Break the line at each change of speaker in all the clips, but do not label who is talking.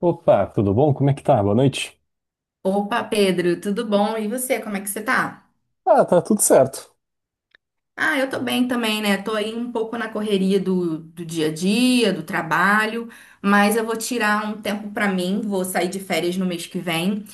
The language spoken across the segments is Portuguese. Opa, tudo bom? Como é que tá? Boa noite.
Opa, Pedro, tudo bom? E você, como é que você tá?
Tá tudo certo.
Ah, eu tô bem também, né? Tô aí um pouco na correria do dia a dia, do trabalho, mas eu vou tirar um tempo pra mim, vou sair de férias no mês que vem.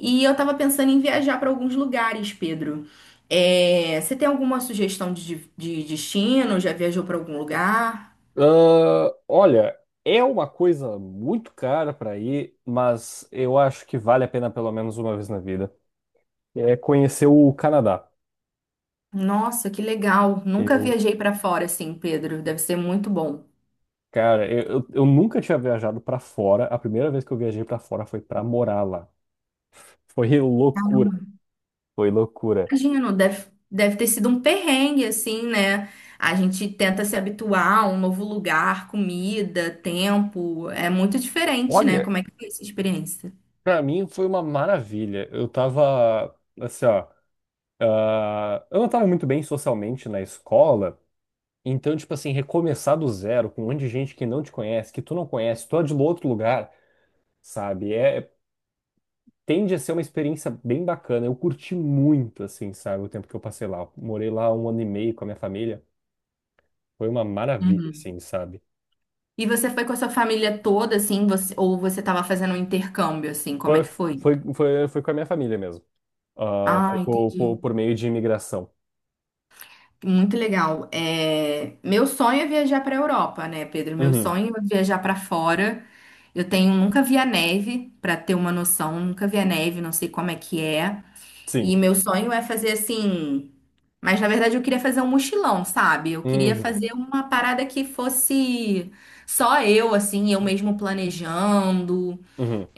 E eu tava pensando em viajar pra alguns lugares, Pedro. É, você tem alguma sugestão de destino? Já viajou pra algum lugar?
Olha, é uma coisa muito cara pra ir, mas eu acho que vale a pena pelo menos uma vez na vida. É conhecer o Canadá.
Nossa, que legal! Nunca
Eu,
viajei pra fora assim, Pedro. Deve ser muito bom.
cara, eu nunca tinha viajado pra fora. A primeira vez que eu viajei pra fora foi pra morar lá. Foi loucura, foi loucura.
Imagino, deve ter sido um perrengue, assim, né? A gente tenta se habituar a um novo lugar, comida, tempo. É muito diferente, né?
Olha,
Como é que foi essa experiência?
pra mim foi uma maravilha. Eu tava assim, ó, eu não tava muito bem socialmente na escola. Então, tipo assim, recomeçar do zero com um monte de gente que não te conhece, que tu não conhece, tu é de outro lugar, sabe? Tende a ser uma experiência bem bacana. Eu curti muito, assim, sabe, o tempo que eu passei lá. Eu morei lá um ano e meio com a minha família. Foi uma maravilha, assim, sabe?
E você foi com a sua família toda, assim, você, ou você estava fazendo um intercâmbio, assim? Como é
Foi,
que foi?
foi com a minha família mesmo. Ah,
Ah,
foi
entendi.
por meio de imigração.
Muito legal. É, meu sonho é viajar para a Europa, né, Pedro? Meu
Uhum,
sonho é viajar para fora. Eu tenho, nunca vi a neve, para ter uma noção, nunca vi a neve, não sei como é que é. E
sim.
meu sonho é fazer assim. Mas na verdade eu queria fazer um mochilão, sabe? Eu queria
Uhum,
fazer uma parada que fosse só eu, assim, eu mesmo planejando.
uhum.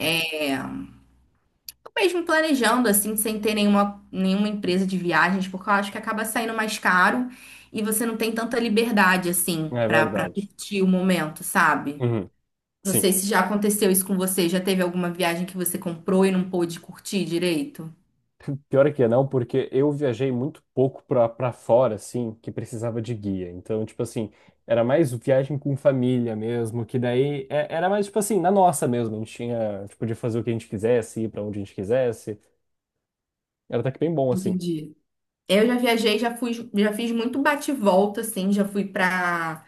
Eu mesmo planejando, assim, sem ter nenhuma empresa de viagens, porque eu acho que acaba saindo mais caro e você não tem tanta liberdade, assim,
É
pra
verdade.
curtir o momento, sabe?
Uhum,
Não
sim.
sei se já aconteceu isso com você. Já teve alguma viagem que você comprou e não pôde curtir direito?
Pior é que não, porque eu viajei muito pouco pra fora, assim, que precisava de guia. Então, tipo assim, era mais viagem com família mesmo, que daí era mais, tipo assim, na nossa mesmo. A gente tinha, a gente podia fazer o que a gente quisesse, ir pra onde a gente quisesse. Era até que bem bom, assim.
Entendi. Eu já viajei, já fui, já fiz muito bate-volta, assim, já fui para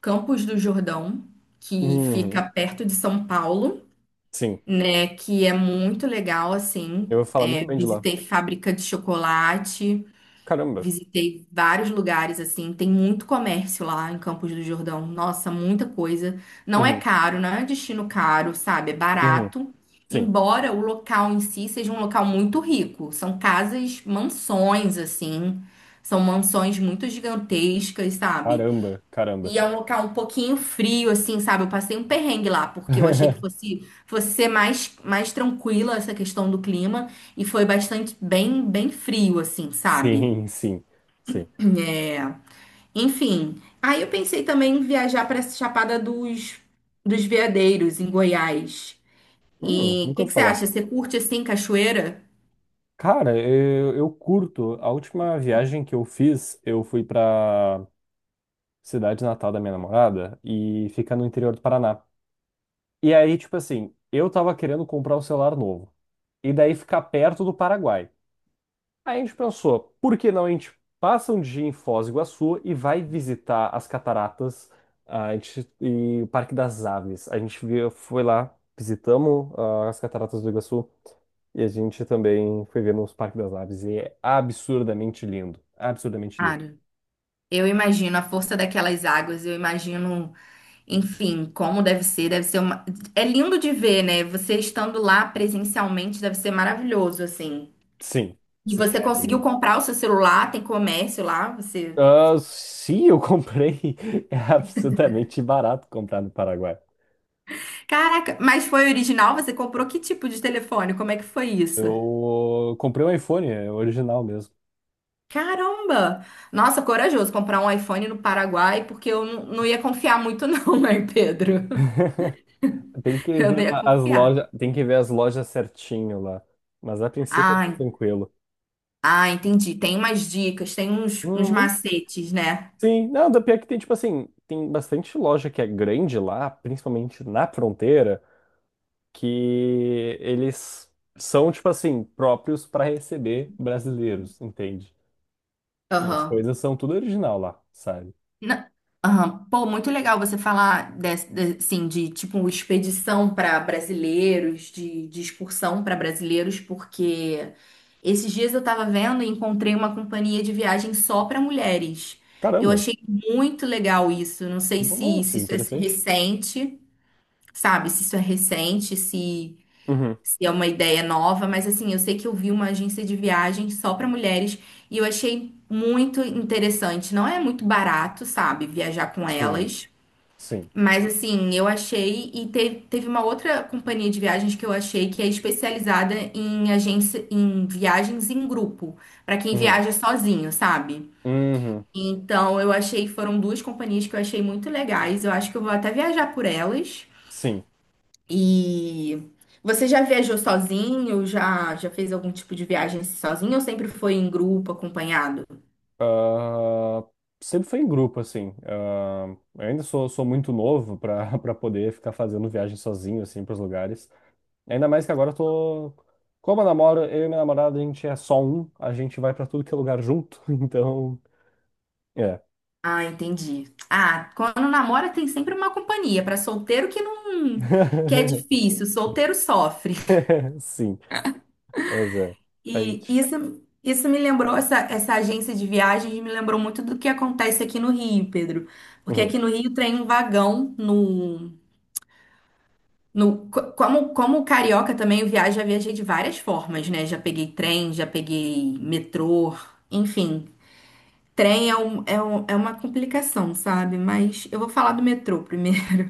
Campos do Jordão, que fica
Uhum,
perto de São Paulo,
sim.
né? Que é muito legal, assim.
Eu vou falar muito
É,
bem de lá.
visitei fábrica de chocolate.
Caramba.
Visitei vários lugares assim, tem muito comércio lá em Campos do Jordão. Nossa, muita coisa. Não é
Uhum,
caro, não é um destino caro, sabe? É
uhum,
barato.
sim.
Embora o local em si seja um local muito rico. São casas, mansões assim. São mansões muito gigantescas, sabe?
Caramba, caramba.
E é um local um pouquinho frio assim, sabe? Eu passei um perrengue lá porque eu achei que fosse ser mais tranquila essa questão do clima e foi bastante bem frio assim, sabe?
Sim, sim, sim.
É, enfim, aí eu pensei também em viajar para essa Chapada dos Veadeiros, em Goiás. E o
Nunca
que
vou
que você
falar.
acha? Você curte assim cachoeira?
Cara, eu curto. A última viagem que eu fiz, eu fui pra cidade natal da minha namorada e fica no interior do Paraná. E aí, tipo assim, eu tava querendo comprar um celular novo. E daí ficar perto do Paraguai. Aí a gente pensou, por que não a gente passa um dia em Foz do Iguaçu e vai visitar as cataratas, a gente, e o Parque das Aves. A gente foi lá, visitamos as cataratas do Iguaçu e a gente também foi ver nos Parque das Aves e é absurdamente lindo, absurdamente lindo.
Cara, eu imagino a força daquelas águas, eu imagino, enfim, como deve ser uma... É lindo de ver, né? Você estando lá presencialmente deve ser maravilhoso, assim.
Sim,
E
sim,
você
é
conseguiu
lindo.
comprar o seu celular, tem comércio lá, você...
Ah, sim, eu comprei, é absurdamente barato comprar no Paraguai.
Caraca, mas foi original? Você comprou que tipo de telefone? Como é que foi isso?
Eu comprei um iPhone, é original mesmo.
Caramba! Nossa, corajoso comprar um iPhone no Paraguai, porque eu não ia confiar muito, não, né, Pedro?
Tem que
Eu não
ver
ia
as
confiar.
lojas, tem que ver as lojas certinho lá. Mas a princípio
Ah,
é
en-
tranquilo.
Entendi. Tem umas dicas, tem uns
Uhum.
macetes, né?
Sim, não, da pior é que tem, tipo assim, tem bastante loja que é grande lá, principalmente na fronteira, que eles são, tipo assim, próprios para receber brasileiros, entende? E as
Aham.
coisas são tudo original lá, sabe?
Na- Aham. Pô, muito legal você falar desse, de, assim, de tipo expedição para brasileiros, de excursão para brasileiros, porque esses dias eu tava vendo e encontrei uma companhia de viagem só para mulheres. Eu
Caramba,
achei muito legal isso. Não sei se,
nossa,
se isso é
interessante.
recente, sabe? Se isso é recente, se
Uhum.
se é uma ideia nova, mas assim, eu sei que eu vi uma agência de viagem só para mulheres e eu achei muito interessante. Não é muito barato, sabe, viajar com
Sim,
elas,
sim.
mas assim, eu achei e teve uma outra companhia de viagens que eu achei que é especializada em agência em viagens em grupo, para quem
Uhum.
viaja sozinho, sabe?
Uhum.
Então, eu achei, foram duas companhias que eu achei muito legais. Eu acho que eu vou até viajar por elas.
Sim.
E você já viajou sozinho? Já, já fez algum tipo de viagem sozinho ou sempre foi em grupo, acompanhado?
Ah, sempre foi em grupo, assim. Ah, eu ainda sou muito novo para para poder ficar fazendo viagem sozinho, assim, para os lugares. Ainda mais que agora eu tô. Como eu namoro, eu e minha namorada, a gente é só um, a gente vai para tudo que é lugar junto, então. É.
Ah, entendi. Ah, quando namora tem sempre uma companhia. Para solteiro que não, que é difícil, solteiro sofre.
Sim, mas é. A
E
gente.
isso me lembrou, essa agência de viagens me lembrou muito do que acontece aqui no Rio, Pedro. Porque
Uhum,
aqui no Rio tem um vagão no, No, co- como, como carioca também, eu viajo, já viajei de várias formas, né? Já peguei trem, já peguei metrô, enfim. Trem é, um, é, um- é uma complicação, sabe? Mas eu vou falar do metrô primeiro.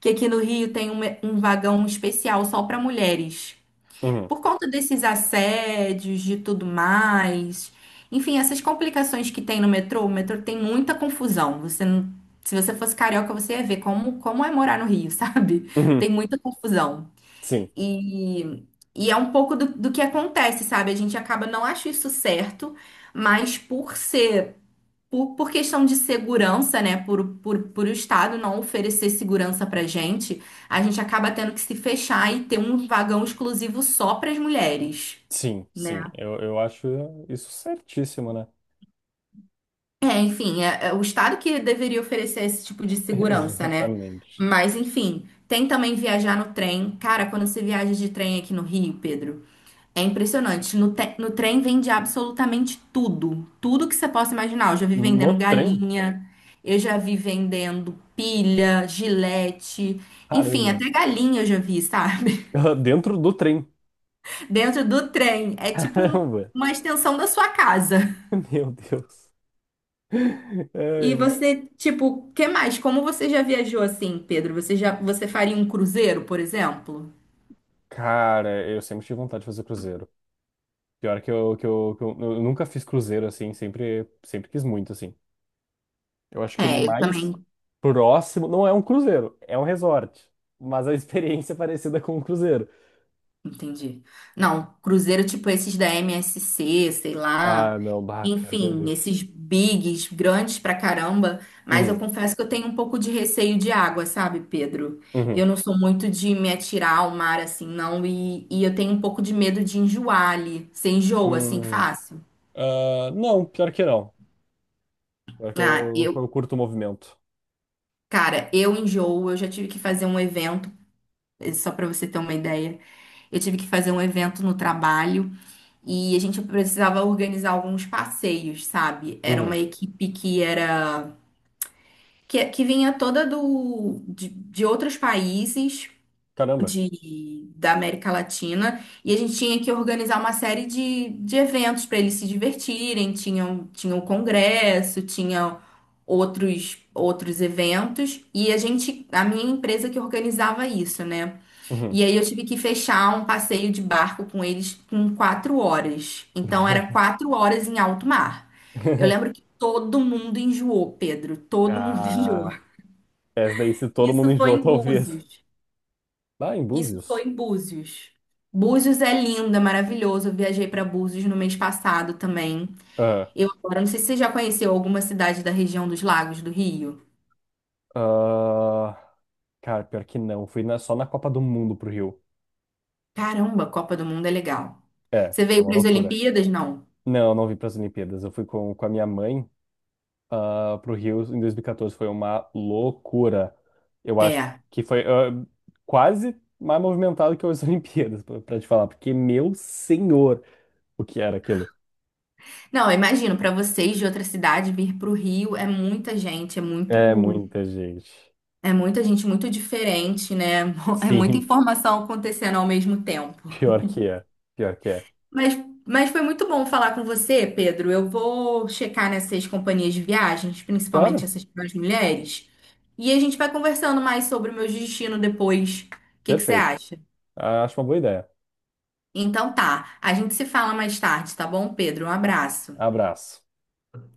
Que aqui no Rio tem um vagão especial só para mulheres.
uhum,
Por conta desses assédios, de tudo mais. Enfim, essas complicações que tem no metrô, o metrô tem muita confusão. Você não- Se você fosse carioca, você ia ver como é morar no Rio, sabe?
uhum.
Tem muita confusão.
Sim,
E, e é um pouco do que acontece, sabe? A gente acaba não acha isso certo, mas por questão de segurança, né? Por o Estado não oferecer segurança pra gente, a gente acaba tendo que se fechar e ter um vagão exclusivo só para as mulheres,
sim,
né?
sim. Eu acho isso certíssimo, né?
É, enfim, é o Estado que deveria oferecer esse tipo de segurança, né?
Exatamente.
Mas, enfim, tem também viajar no trem. Cara, quando você viaja de trem aqui no Rio, Pedro. É impressionante. No trem vende absolutamente tudo. Tudo que você possa imaginar. Eu já vi
No
vendendo
trem?
galinha, eu já vi vendendo pilha, gilete, enfim,
Caramba.
até galinha eu já vi, sabe?
Dentro do trem.
Dentro do trem. É tipo
Caramba!
uma extensão da sua casa.
Meu Deus.
E
Ai,
você, tipo, o que mais? Como você já viajou assim, Pedro? Você já, você faria um cruzeiro, por exemplo?
cara, eu sempre tive vontade de fazer cruzeiro. Pior que eu, que eu, que eu nunca fiz cruzeiro assim, sempre, sempre quis muito assim. Eu acho que o
É, eu também.
mais próximo não é um cruzeiro, é um resort, mas a experiência é parecida com um cruzeiro.
Entendi. Não, cruzeiro tipo esses da MSC, sei lá.
Ah, não, bah, pior
Enfim,
que.
esses bigs grandes pra caramba, mas eu
Uhum,
confesso que eu tenho um pouco de receio de água, sabe, Pedro? Eu
uhum,
não sou muito de me atirar ao mar assim, não, e eu tenho um pouco de medo de enjoar ali. Você enjoa assim
uhum.
fácil?
Ah, não, pior que não. Pior que
Ah,
eu,
eu,
eu curto o movimento.
cara, eu enjoo, eu já tive que fazer um evento, só pra você ter uma ideia. Eu tive que fazer um evento no trabalho. E a gente precisava organizar alguns passeios, sabe? Era uma
Uhum.
equipe que era que vinha toda de outros países
Caramba.
de da América Latina e a gente tinha que organizar uma série de eventos para eles se divertirem. Tinha o congresso, tinha outros eventos e a gente a minha empresa que organizava isso, né?
Uhum.
E aí eu tive que fechar um passeio de barco com eles com 4 horas. Então era 4 horas em alto mar. Eu lembro que todo mundo enjoou, Pedro. Todo mundo enjoou.
Ah. Essa daí, se todo mundo
Isso foi
enjoou,
em
talvez.
Búzios.
Lá em
Isso
Búzios?
foi em Búzios. Búzios é lindo, é maravilhoso. Eu viajei para Búzios no mês passado também.
Ah,
Eu agora não sei se você já conheceu alguma cidade da região dos Lagos do Rio.
ah, cara, pior que não. Fui só na Copa do Mundo pro Rio.
Caramba, Copa do Mundo é legal.
É,
Você
é
veio
uma
para as
loucura.
Olimpíadas? Não.
Não, não vim pras Olimpíadas. Eu fui com a minha mãe pro Rio em 2014. Foi uma loucura. Eu acho
É.
que foi quase mais movimentado que as Olimpíadas, pra te falar. Porque, meu senhor, o que era aquilo?
Não, eu imagino, para vocês de outra cidade vir para o Rio é muita gente, é
É
muito,
muita gente.
é muita gente muito diferente, né? É muita
Sim,
informação acontecendo ao mesmo tempo.
pior que é. Pior que é.
Mas, mas foi muito bom falar com você, Pedro. Eu vou checar nessas companhias de viagens, principalmente
Claro,
essas para as mulheres, e a gente vai conversando mais sobre o meu destino depois. O que que você
perfeito.
acha?
Acho uma boa ideia.
Então tá, a gente se fala mais tarde, tá bom, Pedro? Um abraço.
Abraço.